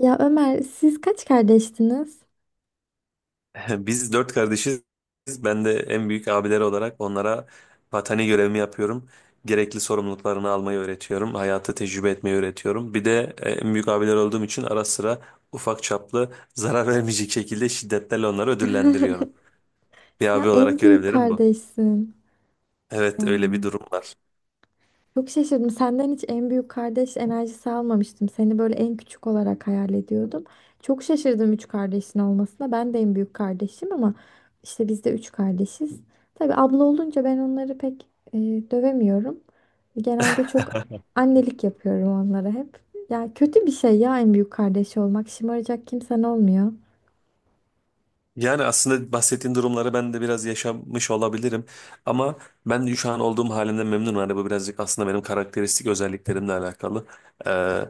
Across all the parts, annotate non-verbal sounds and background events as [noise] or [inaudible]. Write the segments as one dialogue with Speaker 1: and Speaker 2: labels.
Speaker 1: Ya Ömer, siz kaç kardeştiniz?
Speaker 2: [laughs] Biz dört kardeşiz. Ben de en büyük abileri olarak onlara vatani görevimi yapıyorum. Gerekli sorumluluklarını almayı öğretiyorum. Hayatı tecrübe etmeyi öğretiyorum. Bir de en büyük abiler olduğum için ara sıra ufak çaplı [laughs] zarar vermeyecek şekilde şiddetlerle onları ödüllendiriyorum.
Speaker 1: [laughs]
Speaker 2: Bir abi
Speaker 1: Sen
Speaker 2: olarak
Speaker 1: en büyük
Speaker 2: görevlerim bu.
Speaker 1: kardeşsin.
Speaker 2: Evet,
Speaker 1: Ya,
Speaker 2: öyle bir durum var.
Speaker 1: çok şaşırdım. Senden hiç en büyük kardeş enerjisi almamıştım. Seni böyle en küçük olarak hayal ediyordum. Çok şaşırdım üç kardeşin olmasına. Ben de en büyük kardeşim ama işte biz de üç kardeşiz. Tabii abla olunca ben onları pek e, dövemiyorum. Genelde çok annelik yapıyorum onlara hep. Ya kötü bir şey ya, en büyük kardeş olmak. Şımaracak kimsen olmuyor.
Speaker 2: Yani aslında bahsettiğin durumları ben de biraz yaşamış olabilirim. Ama ben şu an olduğum halimden memnunum. Hani bu birazcık aslında benim karakteristik özelliklerimle alakalı. Ee,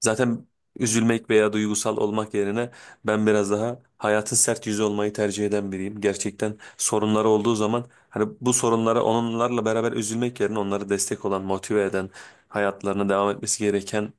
Speaker 2: Zaten üzülmek veya duygusal olmak yerine ben biraz daha hayatın sert yüzü olmayı tercih eden biriyim. Gerçekten sorunları olduğu zaman hani bu sorunlara onlarla beraber üzülmek yerine onları destek olan, motive eden, hayatlarına devam etmesi gereken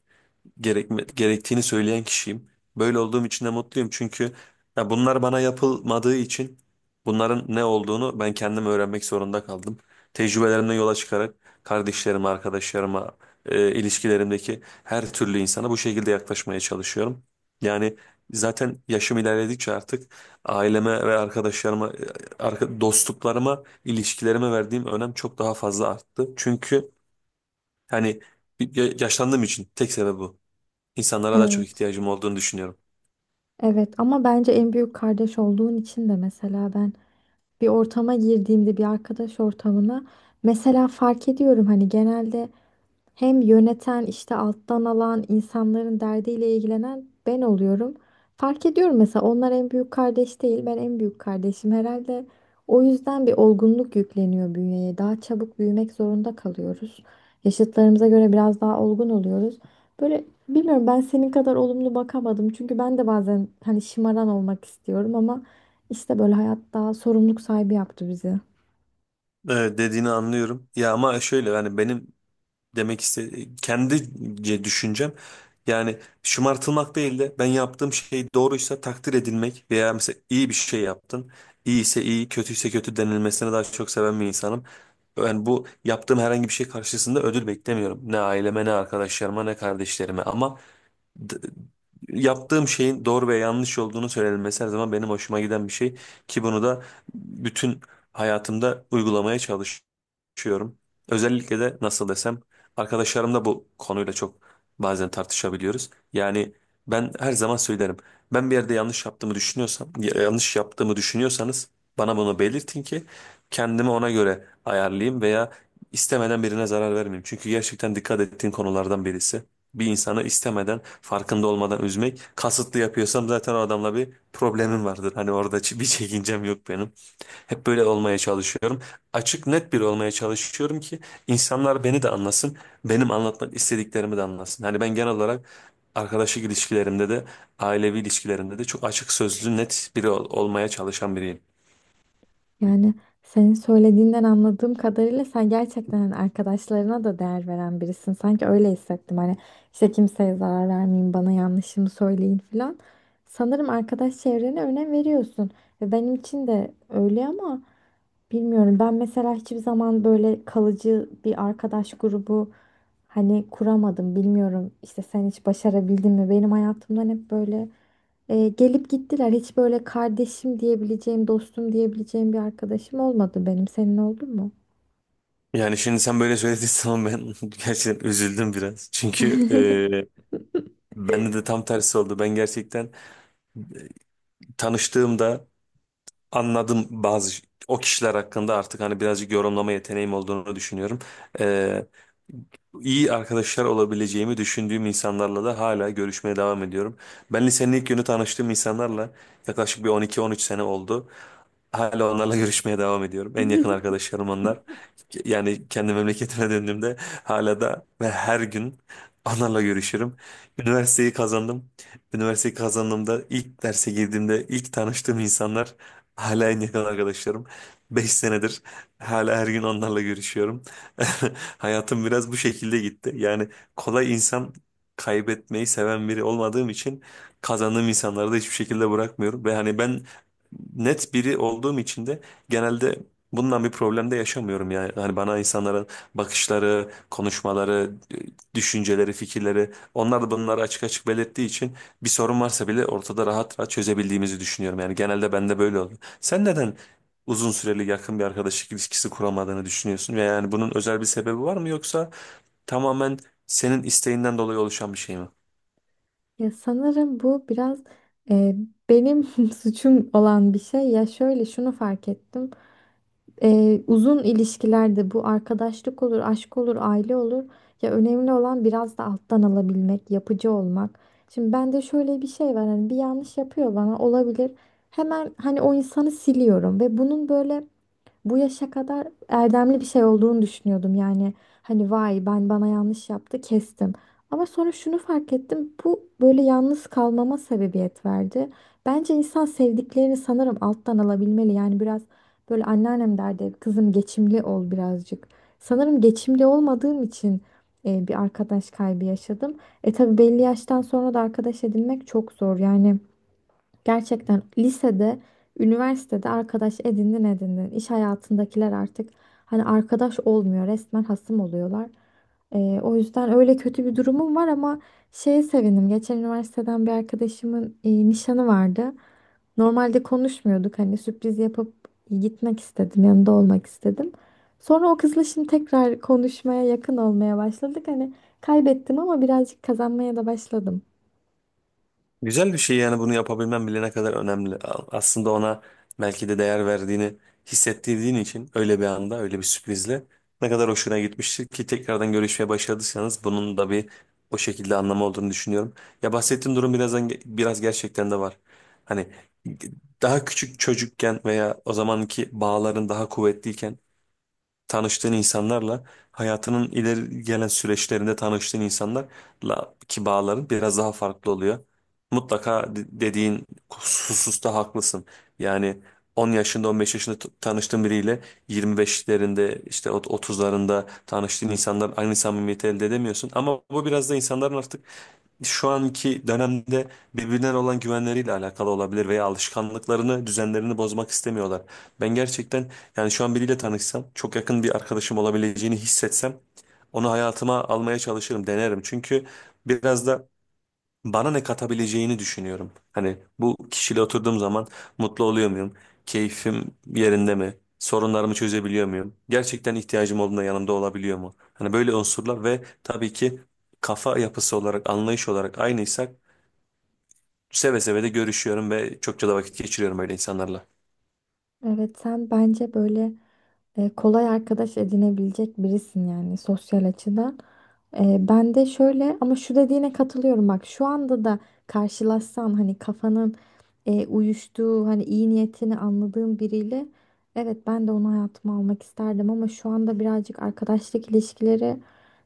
Speaker 2: gerektiğini söyleyen kişiyim. Böyle olduğum için de mutluyum, çünkü ya bunlar bana yapılmadığı için bunların ne olduğunu ben kendim öğrenmek zorunda kaldım. Tecrübelerimden yola çıkarak kardeşlerime, arkadaşlarıma, ilişkilerimdeki her türlü insana bu şekilde yaklaşmaya çalışıyorum. Yani zaten yaşım ilerledikçe artık aileme ve arkadaşlarıma, dostluklarıma, ilişkilerime verdiğim önem çok daha fazla arttı. Çünkü hani yaşlandığım için tek sebebi bu. İnsanlara daha çok
Speaker 1: Evet.
Speaker 2: ihtiyacım olduğunu düşünüyorum.
Speaker 1: Evet, ama bence en büyük kardeş olduğun için de, mesela, ben bir ortama girdiğimde, bir arkadaş ortamına, mesela fark ediyorum hani genelde hem yöneten, işte alttan alan insanların derdiyle ilgilenen ben oluyorum. Fark ediyorum mesela, onlar en büyük kardeş değil, ben en büyük kardeşim herhalde. O yüzden bir olgunluk yükleniyor bünyeye. Daha çabuk büyümek zorunda kalıyoruz. Yaşıtlarımıza göre biraz daha olgun oluyoruz. Böyle, bilmiyorum, ben senin kadar olumlu bakamadım. Çünkü ben de bazen hani şımaran olmak istiyorum ama işte böyle hayat daha sorumluluk sahibi yaptı bizi.
Speaker 2: Evet, dediğini anlıyorum. Ya ama şöyle, yani benim demek istediğim kendice düşüncem, yani şımartılmak değil de ben yaptığım şey doğruysa takdir edilmek veya mesela iyi bir şey yaptın, iyi ise iyi, kötüyse kötü denilmesini daha çok seven bir insanım. Yani bu yaptığım herhangi bir şey karşısında ödül beklemiyorum. Ne aileme, ne arkadaşlarıma, ne kardeşlerime, ama d- yaptığım şeyin doğru ve yanlış olduğunu söylenmesi her zaman benim hoşuma giden bir şey, ki bunu da bütün hayatımda uygulamaya çalışıyorum. Özellikle de nasıl desem, arkadaşlarımla bu konuyla çok bazen tartışabiliyoruz. Yani ben her zaman söylerim. Ben bir yerde yanlış yaptığımı düşünüyorsam, yanlış yaptığımı düşünüyorsanız bana bunu belirtin ki kendimi ona göre ayarlayayım veya istemeden birine zarar vermeyeyim. Çünkü gerçekten dikkat ettiğim konulardan birisi bir insana istemeden farkında olmadan üzmek, kasıtlı yapıyorsam zaten o adamla bir problemim vardır. Hani orada bir çekincem yok benim. Hep böyle olmaya çalışıyorum. Açık net biri olmaya çalışıyorum ki insanlar beni de anlasın. Benim anlatmak istediklerimi de anlasın. Hani ben genel olarak arkadaşlık ilişkilerimde de ailevi ilişkilerimde de çok açık sözlü net biri olmaya çalışan biriyim.
Speaker 1: Yani, senin söylediğinden anladığım kadarıyla, sen gerçekten hani arkadaşlarına da değer veren birisin. Sanki öyle hissettim. Hani işte kimseye zarar vermeyin, bana yanlışımı söyleyin falan. Sanırım arkadaş çevrene önem veriyorsun. Ve benim için de öyle ama bilmiyorum. Ben mesela hiçbir zaman böyle kalıcı bir arkadaş grubu hani kuramadım. Bilmiyorum, işte sen hiç başarabildin mi? Benim hayatımdan hep böyle gelip gittiler. Hiç böyle kardeşim diyebileceğim, dostum diyebileceğim bir arkadaşım olmadı benim. Senin oldu mu?
Speaker 2: Yani şimdi sen böyle söylediğin zaman ben [laughs] gerçekten üzüldüm biraz. Çünkü
Speaker 1: [laughs]
Speaker 2: bende de tam tersi oldu. Ben gerçekten tanıştığımda anladım bazı o kişiler hakkında, artık hani birazcık yorumlama yeteneğim olduğunu düşünüyorum, iyi arkadaşlar olabileceğimi düşündüğüm insanlarla da hala görüşmeye devam ediyorum. Ben lisenin ilk günü tanıştığım insanlarla yaklaşık bir 12-13 sene oldu. Hala onlarla görüşmeye devam ediyorum. En yakın arkadaşlarım onlar. Yani kendi memleketime döndüğümde hala da ve her gün onlarla görüşürüm. Üniversiteyi kazandım. Üniversiteyi kazandığımda ilk derse girdiğimde ilk tanıştığım insanlar hala en yakın arkadaşlarım. 5 senedir hala her gün onlarla görüşüyorum. [laughs] Hayatım biraz bu şekilde gitti. Yani kolay insan kaybetmeyi seven biri olmadığım için kazandığım insanları da hiçbir şekilde bırakmıyorum. Ve hani ben net biri olduğum için de genelde bundan bir problem de yaşamıyorum yani. Hani bana insanların bakışları, konuşmaları, düşünceleri, fikirleri, onlar da bunları açık açık belirttiği için bir sorun varsa bile ortada rahat rahat çözebildiğimizi düşünüyorum. Yani genelde bende böyle oldu. Sen neden uzun süreli yakın bir arkadaşlık ilişkisi kuramadığını düşünüyorsun? Ve yani bunun özel bir sebebi var mı, yoksa tamamen senin isteğinden dolayı oluşan bir şey mi?
Speaker 1: Ya sanırım bu biraz e, benim [laughs] suçum olan bir şey. Ya şöyle, şunu fark ettim. Uzun ilişkilerde, bu arkadaşlık olur, aşk olur, aile olur. Ya önemli olan biraz da alttan alabilmek, yapıcı olmak. Şimdi bende şöyle bir şey var, hani bir yanlış yapıyor bana, olabilir. Hemen hani o insanı siliyorum ve bunun böyle bu yaşa kadar erdemli bir şey olduğunu düşünüyordum. Yani hani vay, ben bana yanlış yaptı, kestim. Ama sonra şunu fark ettim. Bu böyle yalnız kalmama sebebiyet verdi. Bence insan sevdiklerini sanırım alttan alabilmeli. Yani biraz böyle, anneannem derdi, kızım geçimli ol birazcık. Sanırım geçimli olmadığım için bir arkadaş kaybı yaşadım. E tabii, belli yaştan sonra da arkadaş edinmek çok zor. Yani gerçekten lisede, üniversitede arkadaş edindin edindin. İş hayatındakiler artık hani arkadaş olmuyor. Resmen hasım oluyorlar. O yüzden öyle kötü bir durumum var ama şeye sevindim. Geçen üniversiteden bir arkadaşımın nişanı vardı. Normalde konuşmuyorduk, hani sürpriz yapıp gitmek istedim, yanında olmak istedim. Sonra o kızla şimdi tekrar konuşmaya, yakın olmaya başladık. Hani kaybettim ama birazcık kazanmaya da başladım.
Speaker 2: Güzel bir şey, yani bunu yapabilmen bile ne kadar önemli. Aslında ona belki de değer verdiğini hissettirdiğin için, öyle bir anda öyle bir sürprizle ne kadar hoşuna gitmiştir ki tekrardan görüşmeye başladıysanız, bunun da bir o şekilde anlamı olduğunu düşünüyorum. Ya bahsettiğim durum birazdan biraz gerçekten de var. Hani daha küçük çocukken veya o zamanki bağların daha kuvvetliyken tanıştığın insanlarla hayatının ileri gelen süreçlerinde tanıştığın insanlarla ki bağların biraz daha farklı oluyor. Mutlaka dediğin hususta haklısın. Yani 10 yaşında 15 yaşında tanıştığın biriyle 25'lerinde işte 30'larında tanıştığın insanlar aynı samimiyeti elde edemiyorsun. Ama bu biraz da insanların artık şu anki dönemde birbirlerine olan güvenleriyle alakalı olabilir veya alışkanlıklarını, düzenlerini bozmak istemiyorlar. Ben gerçekten yani şu an biriyle tanışsam, çok yakın bir arkadaşım olabileceğini hissetsem onu hayatıma almaya çalışırım, denerim. Çünkü biraz da bana ne katabileceğini düşünüyorum. Hani bu kişiyle oturduğum zaman mutlu oluyor muyum? Keyfim yerinde mi? Sorunlarımı çözebiliyor muyum? Gerçekten ihtiyacım olduğunda yanımda olabiliyor mu? Hani böyle unsurlar ve tabii ki kafa yapısı olarak, anlayış olarak aynıysak seve seve de görüşüyorum ve çokça da vakit geçiriyorum öyle insanlarla.
Speaker 1: Evet, sen bence böyle kolay arkadaş edinebilecek birisin yani, sosyal açıdan. Ben de şöyle, ama şu dediğine katılıyorum, bak şu anda da karşılaşsan hani kafanın uyuştuğu, hani iyi niyetini anladığım biriyle, evet ben de onu hayatıma almak isterdim. Ama şu anda birazcık arkadaşlık ilişkileri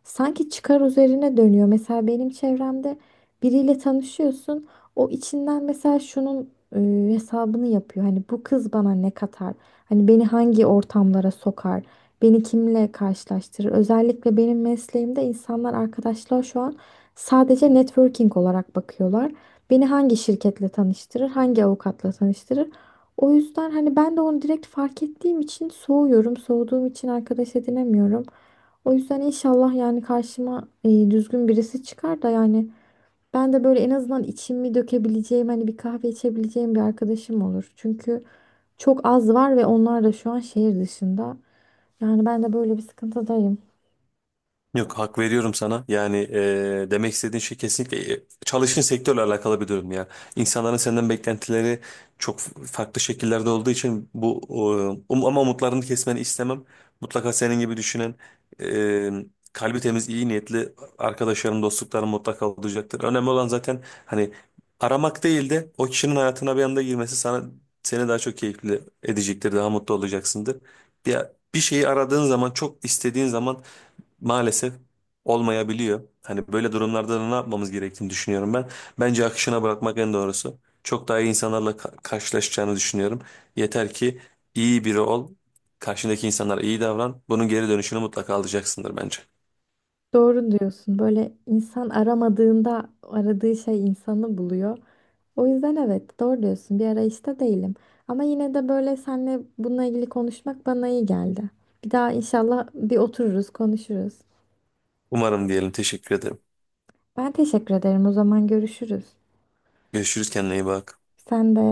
Speaker 1: sanki çıkar üzerine dönüyor. Mesela benim çevremde biriyle tanışıyorsun, o içinden mesela şunun hesabını yapıyor. Hani bu kız bana ne katar? Hani beni hangi ortamlara sokar? Beni kimle karşılaştırır? Özellikle benim mesleğimde insanlar, arkadaşlar şu an sadece networking olarak bakıyorlar. Beni hangi şirketle tanıştırır? Hangi avukatla tanıştırır? O yüzden hani ben de onu direkt fark ettiğim için soğuyorum. Soğuduğum için arkadaş edinemiyorum. O yüzden inşallah yani karşıma düzgün birisi çıkar da, yani ben de böyle en azından içimi dökebileceğim, hani bir kahve içebileceğim bir arkadaşım olur. Çünkü çok az var ve onlar da şu an şehir dışında. Yani ben de böyle bir sıkıntıdayım.
Speaker 2: Yok, hak veriyorum sana. Yani demek istediğin şey kesinlikle çalıştığın sektörle alakalı bir durum ya. İnsanların senden beklentileri çok farklı şekillerde olduğu için bu ama umutlarını kesmeni istemem. Mutlaka senin gibi düşünen e, kalbi temiz, iyi niyetli arkadaşlarım, dostluklarım mutlaka olacaktır. Önemli olan zaten hani aramak değil de, o kişinin hayatına bir anda girmesi sana, seni daha çok keyifli edecektir, daha mutlu olacaksındır. Bir, Bir şeyi aradığın zaman, çok istediğin zaman maalesef olmayabiliyor. Hani böyle durumlarda da ne yapmamız gerektiğini düşünüyorum ben. Bence akışına bırakmak en doğrusu. Çok daha iyi insanlarla karşılaşacağını düşünüyorum. Yeter ki iyi biri ol. Karşındaki insanlara iyi davran. Bunun geri dönüşünü mutlaka alacaksındır bence.
Speaker 1: Doğru diyorsun. Böyle insan aramadığında aradığı şey insanı buluyor. O yüzden evet, doğru diyorsun. Bir arayışta değilim. Ama yine de böyle seninle bununla ilgili konuşmak bana iyi geldi. Bir daha inşallah bir otururuz, konuşuruz.
Speaker 2: Umarım diyelim. Teşekkür ederim.
Speaker 1: Ben teşekkür ederim. O zaman görüşürüz.
Speaker 2: Görüşürüz, kendine iyi bak.
Speaker 1: Sen de.